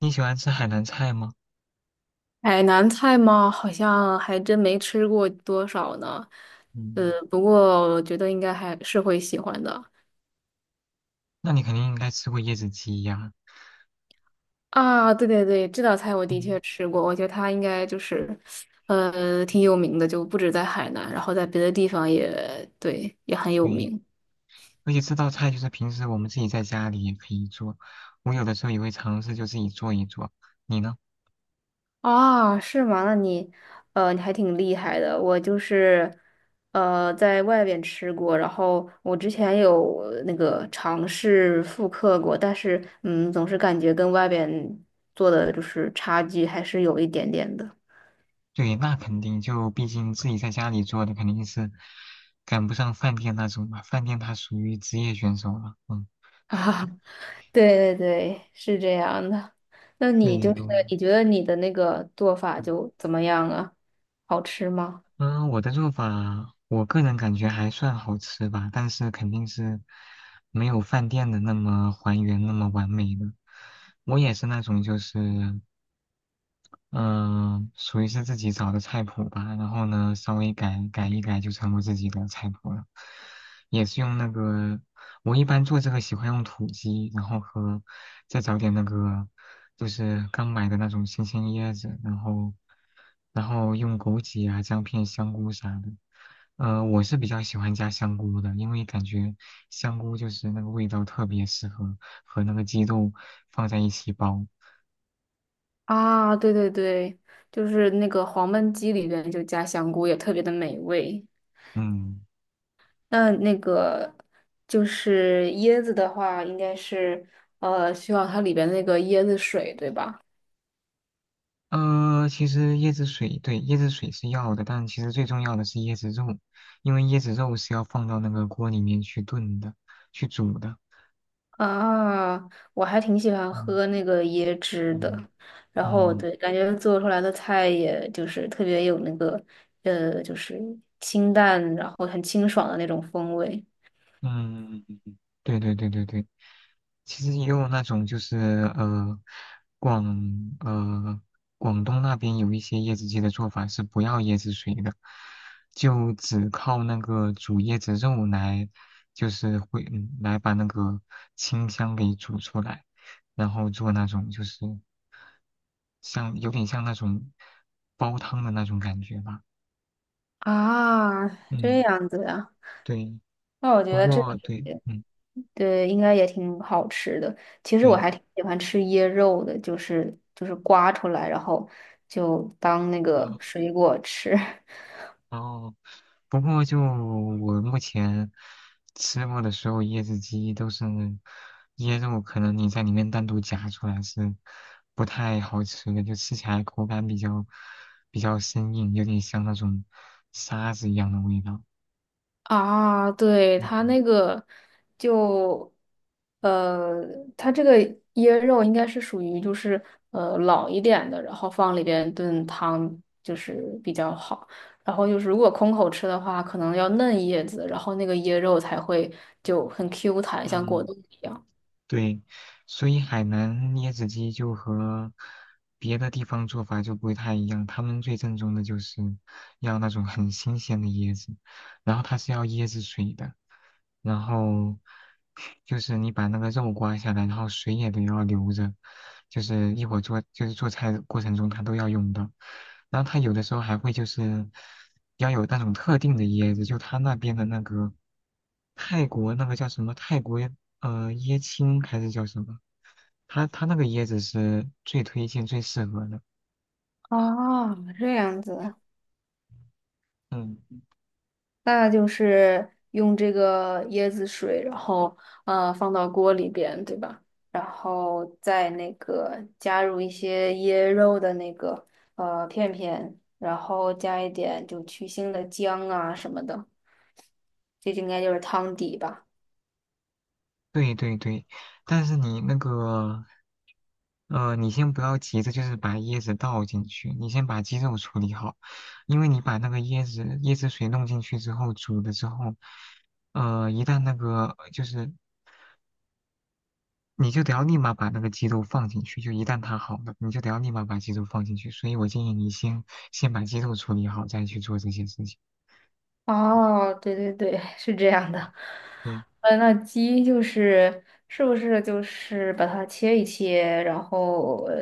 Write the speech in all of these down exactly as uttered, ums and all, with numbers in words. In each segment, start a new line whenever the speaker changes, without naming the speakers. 你喜欢吃海南菜吗？
海南菜吗？好像还真没吃过多少呢。呃，
嗯，
不过我觉得应该还是会喜欢的
那你肯定应该吃过椰子鸡呀。
啊。对对对，这道菜我的
嗯，
确吃过，我觉得它应该就是，呃，挺有名的，就不止在海南，然后在别的地方也对，也很有
对，
名。
而且这道菜就是平时我们自己在家里也可以做，我有的时候也会尝试就自己做一做。你呢？
啊，是吗？那你，呃，你还挺厉害的。我就是，呃，在外边吃过，然后我之前有呃那个尝试复刻过，但是，嗯，总是感觉跟外边做的就是差距还是有一点点的。
对，那肯定就毕竟自己在家里做的肯定是赶不上饭店那种嘛，饭店它属于职业选手了。嗯，
啊，对对对，是这样的。那你
对，
就是，
嗯
你觉得你的那个做法就怎么样啊？好吃吗？
嗯，我的做法，我个人感觉还算好吃吧，但是肯定是没有饭店的那么还原那么完美的。我也是那种就是嗯，属于是自己找的菜谱吧，然后呢，稍微改改一改就成我自己的菜谱了。也是用那个，我一般做这个喜欢用土鸡，然后和再找点那个，就是刚买的那种新鲜椰子，然后然后用枸杞啊、姜片、香菇啥的。呃，我是比较喜欢加香菇的，因为感觉香菇就是那个味道特别适合和那个鸡肉放在一起煲。
啊，对对对，就是那个黄焖鸡里边就加香菇，也特别的美味。
嗯。
那那个就是椰子的话，应该是呃需要它里边那个椰子水，对吧？
呃，其实椰子水，对，椰子水是要的，但其实最重要的是椰子肉，因为椰子肉是要放到那个锅里面去炖的，去煮的。
啊，我还挺喜欢
嗯，
喝那个椰汁的。
嗯，
然后
嗯，
对，感觉做出来的菜也就是特别有那个呃，就是清淡，然后很清爽的那种风味。
嗯，对对对对对，其实也有那种就是呃，广呃广东那边有一些椰子鸡的做法是不要椰子水的，就只靠那个煮椰子肉来，就是会嗯来把那个清香给煮出来，然后做那种就是像有点像那种煲汤的那种感觉吧。
啊，这
嗯，
样子呀，
对。
那我觉
不，哦，
得这。个。
过，对，嗯，
对，应该也挺好吃的。
对，不
其实
过，
我
对，
还
嗯，
挺喜欢吃椰肉的，就是就是刮出来，然后就当那个
对，
水果吃。
哦，不过就我目前吃过的所有椰子鸡都是椰肉，可能你在里面单独夹出来是不太好吃的，就吃起来口感比较比较生硬，有点像那种沙子一样的味道。
啊，对，它
嗯，
那个就，呃，它这个椰肉应该是属于就是呃老一点的，然后放里边炖汤就是比较好。然后就是如果空口吃的话，可能要嫩叶子，然后那个椰肉才会就很 Q 弹，像果
嗯，
冻一样。
对，所以海南椰子鸡就和别的地方做法就不会太一样。他们最正宗的就是要那种很新鲜的椰子，然后它是要椰子水的，然后就是你把那个肉刮下来，然后水也得要留着，就是一会儿做就是做菜的过程中它都要用到。然后它有的时候还会就是要有那种特定的椰子，就它那边的那个泰国那个叫什么泰国。呃，椰青还是叫什么？它它那个椰子是最推荐、最适合的。
啊，这样子，
嗯，
那就是用这个椰子水，然后呃放到锅里边，对吧？然后再那个加入一些椰肉的那个呃片片，然后加一点就去腥的姜啊什么的，这应该就是汤底吧。
对对对，但是你那个，呃，你先不要急着就是把椰子倒进去，你先把鸡肉处理好，因为你把那个椰子椰子水弄进去之后，煮了之后，呃，一旦那个就是你就得要立马把那个鸡肉放进去，就一旦它好了，你就得要立马把鸡肉放进去。所以我建议你先先把鸡肉处理好，再去做这些事情。
哦，对对对，是这样的。
对。
呃，那鸡就是是不是就是把它切一切，然后呃，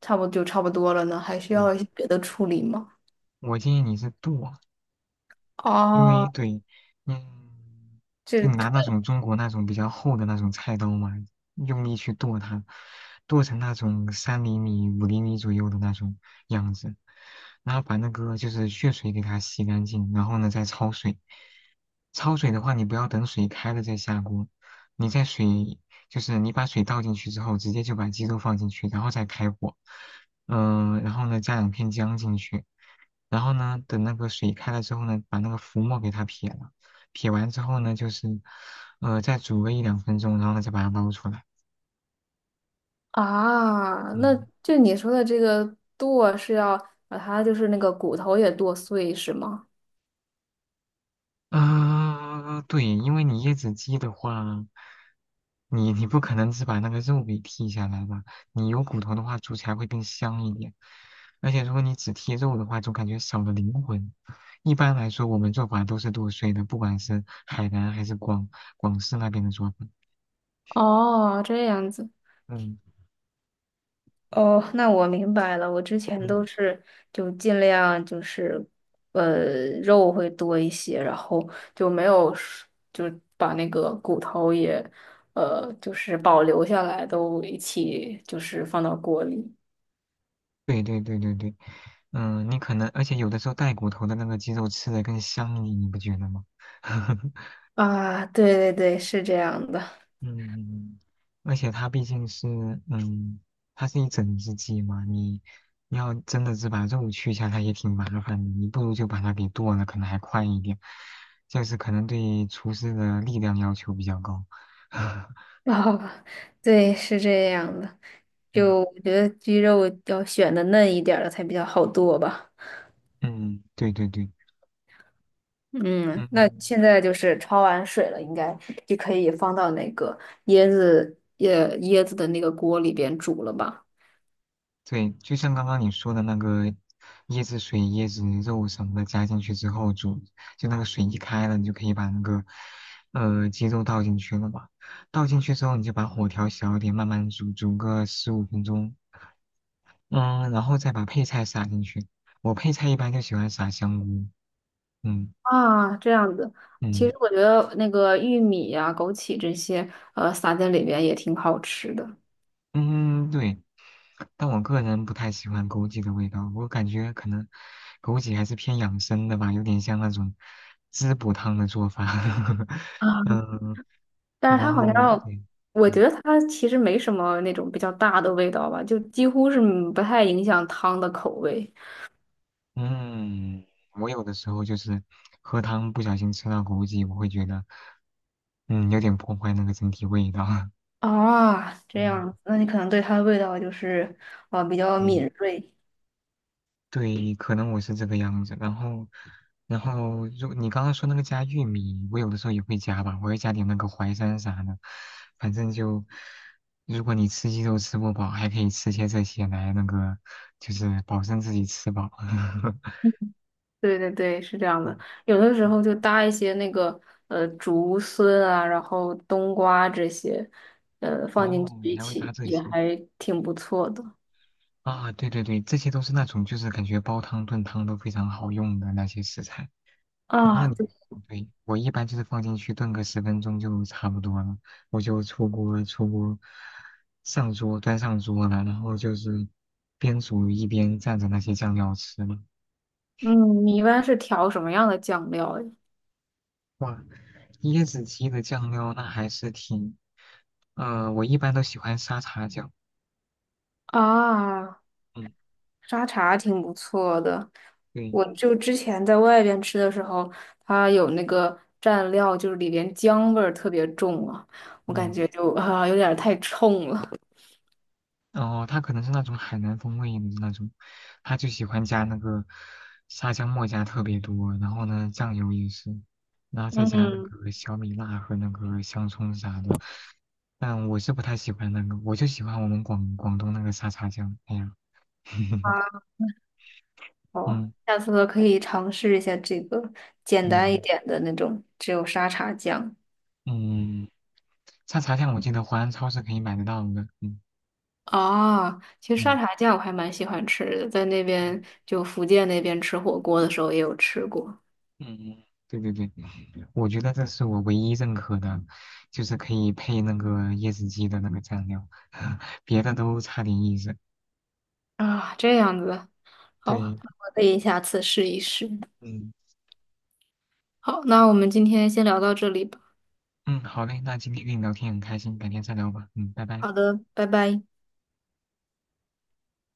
差不多就差不多了呢？还需要一
对，
些别的处理吗？
我建议你是剁，因为
哦，
对，嗯，就
这
拿那种中国那种比较厚的那种菜刀嘛，用力去剁它，剁成那种三厘米、五厘米左右的那种样子，然后把那个就是血水给它洗干净，然后呢再焯水。焯水的话，你不要等水开了再下锅，你在水就是你把水倒进去之后，直接就把鸡肉放进去，然后再开火，嗯、然后呢加两片姜进去。然后呢，等那个水开了之后呢，把那个浮沫给它撇了，撇完之后呢，就是，呃，再煮个一两分钟，然后呢再把它捞出来。
啊，那
嗯，
就你说的这个剁是要把它就是那个骨头也剁碎是吗？
啊、对，因为你椰子鸡的话，你你不可能只把那个肉给剔下来吧？你有骨头的话，煮起来会更香一点。而且如果你只剔肉的话，总感觉少了灵魂。一般来说，我们做法都是剁碎的，不管是海南还是广广式那边的做法。
哦，这样子。
嗯，
哦，那我明白了。我之前
嗯。
都是就尽量就是，呃，肉会多一些，然后就没有是就把那个骨头也，呃，就是保留下来，都一起就是放到锅里。
对对对对对，嗯，你可能，而且有的时候带骨头的那个鸡肉吃的更香一点，你不觉得吗？
啊，对对对，是这样的。
嗯，而且它毕竟是，嗯，它是一整只鸡嘛，你你要真的是把肉去一下，它也挺麻烦的，你不如就把它给剁了，可能还快一点，就是可能对厨师的力量要求比较高。
啊，对，是这样的。
嗯，
就我觉得鸡肉要选的嫩一点儿的才比较好剁吧。
嗯，对对对，
嗯，那
嗯。
现在就是焯完水了，应该就可以放到那个椰子椰椰子的那个锅里边煮了吧？
对，就像刚刚你说的那个椰子水、椰子肉什么的加进去之后煮，就那个水一开了，你就可以把那个呃鸡肉倒进去了嘛。倒进去之后，你就把火调小一点，慢慢煮，煮个十五分钟。嗯，然后再把配菜撒进去。我配菜一般就喜欢撒香菇。嗯，
啊，这样子。其
嗯。
实我觉得那个玉米呀、枸杞这些，呃，撒在里边也挺好吃的。
嗯，对。但我个人不太喜欢枸杞的味道，我感觉可能枸杞还是偏养生的吧，有点像那种滋补汤的做法。
啊，
嗯，
但是
然
它好
后
像，
对，
我觉
嗯，
得它其实没什么那种比较大的味道吧，就几乎是嗯不太影响汤的口味。
嗯我有的时候就是喝汤不小心吃到枸杞，我会觉得嗯有点破坏那个整体味道。
啊，这
嗯，
样，子。那你可能对它的味道就是，呃，比较
对。
敏锐。
对，可能我是这个样子。然后，然后，如你刚刚说那个加玉米，我有的时候也会加吧，我会加点那个淮山啥的。反正就，如果你吃鸡肉吃不饱，还可以吃些这些来那个，就是保证自己吃饱。
对对对，是这样
嗯
的。有的时候就搭一些那个呃竹荪啊，然后冬瓜这些，呃放进去
哦，你
一
还会搭
起
这
也
些
还挺不错的
啊？对对对，这些都是那种就是感觉煲汤炖汤都非常好用的那些食材。然后
啊。
你，
对，
对，我一般就是放进去炖个十分钟就差不多了，我就出锅出锅，上桌端上桌了，然后就是边煮一边蘸着那些酱料吃嘛。
嗯，你一般是调什么样的酱料呀？
哇，椰子鸡的酱料那还是挺，呃，我一般都喜欢沙茶酱。
啊，
嗯，
沙茶挺不错的。
对，
我就之前在外边吃的时候，它有那个蘸料，就是里边姜味儿特别重啊，我感
嗯。
觉就啊有点儿太冲了。
哦，他可能是那种海南风味的那种，他就喜欢加那个沙姜末加特别多，然后呢酱油也是，然后再加那
嗯。
个小米辣和那个香葱啥的。但我是不太喜欢那个，我就喜欢我们广广东那个沙茶酱。哎呀，
啊。哦，
嗯，
下次可以尝试一下这个简单一
嗯，
点的那种，只有沙茶酱。
嗯，沙茶酱我记得淮安超市可以买得到的。嗯，
啊，其实沙
嗯。
茶酱我还蛮喜欢吃的，在那
嗯，
边就福建那边吃火锅的时候也有吃过。
嗯，对对对，我觉得这是我唯一认可的，就是可以配那个椰子鸡的那个蘸料，别的都差点意思。
啊，这样子，好，
对，
那我可以下次试一试。
嗯，
好，那我们今天先聊到这里吧。
嗯，好嘞，那今天跟你聊天很开心，改天再聊吧。嗯，拜拜。
好的，拜拜。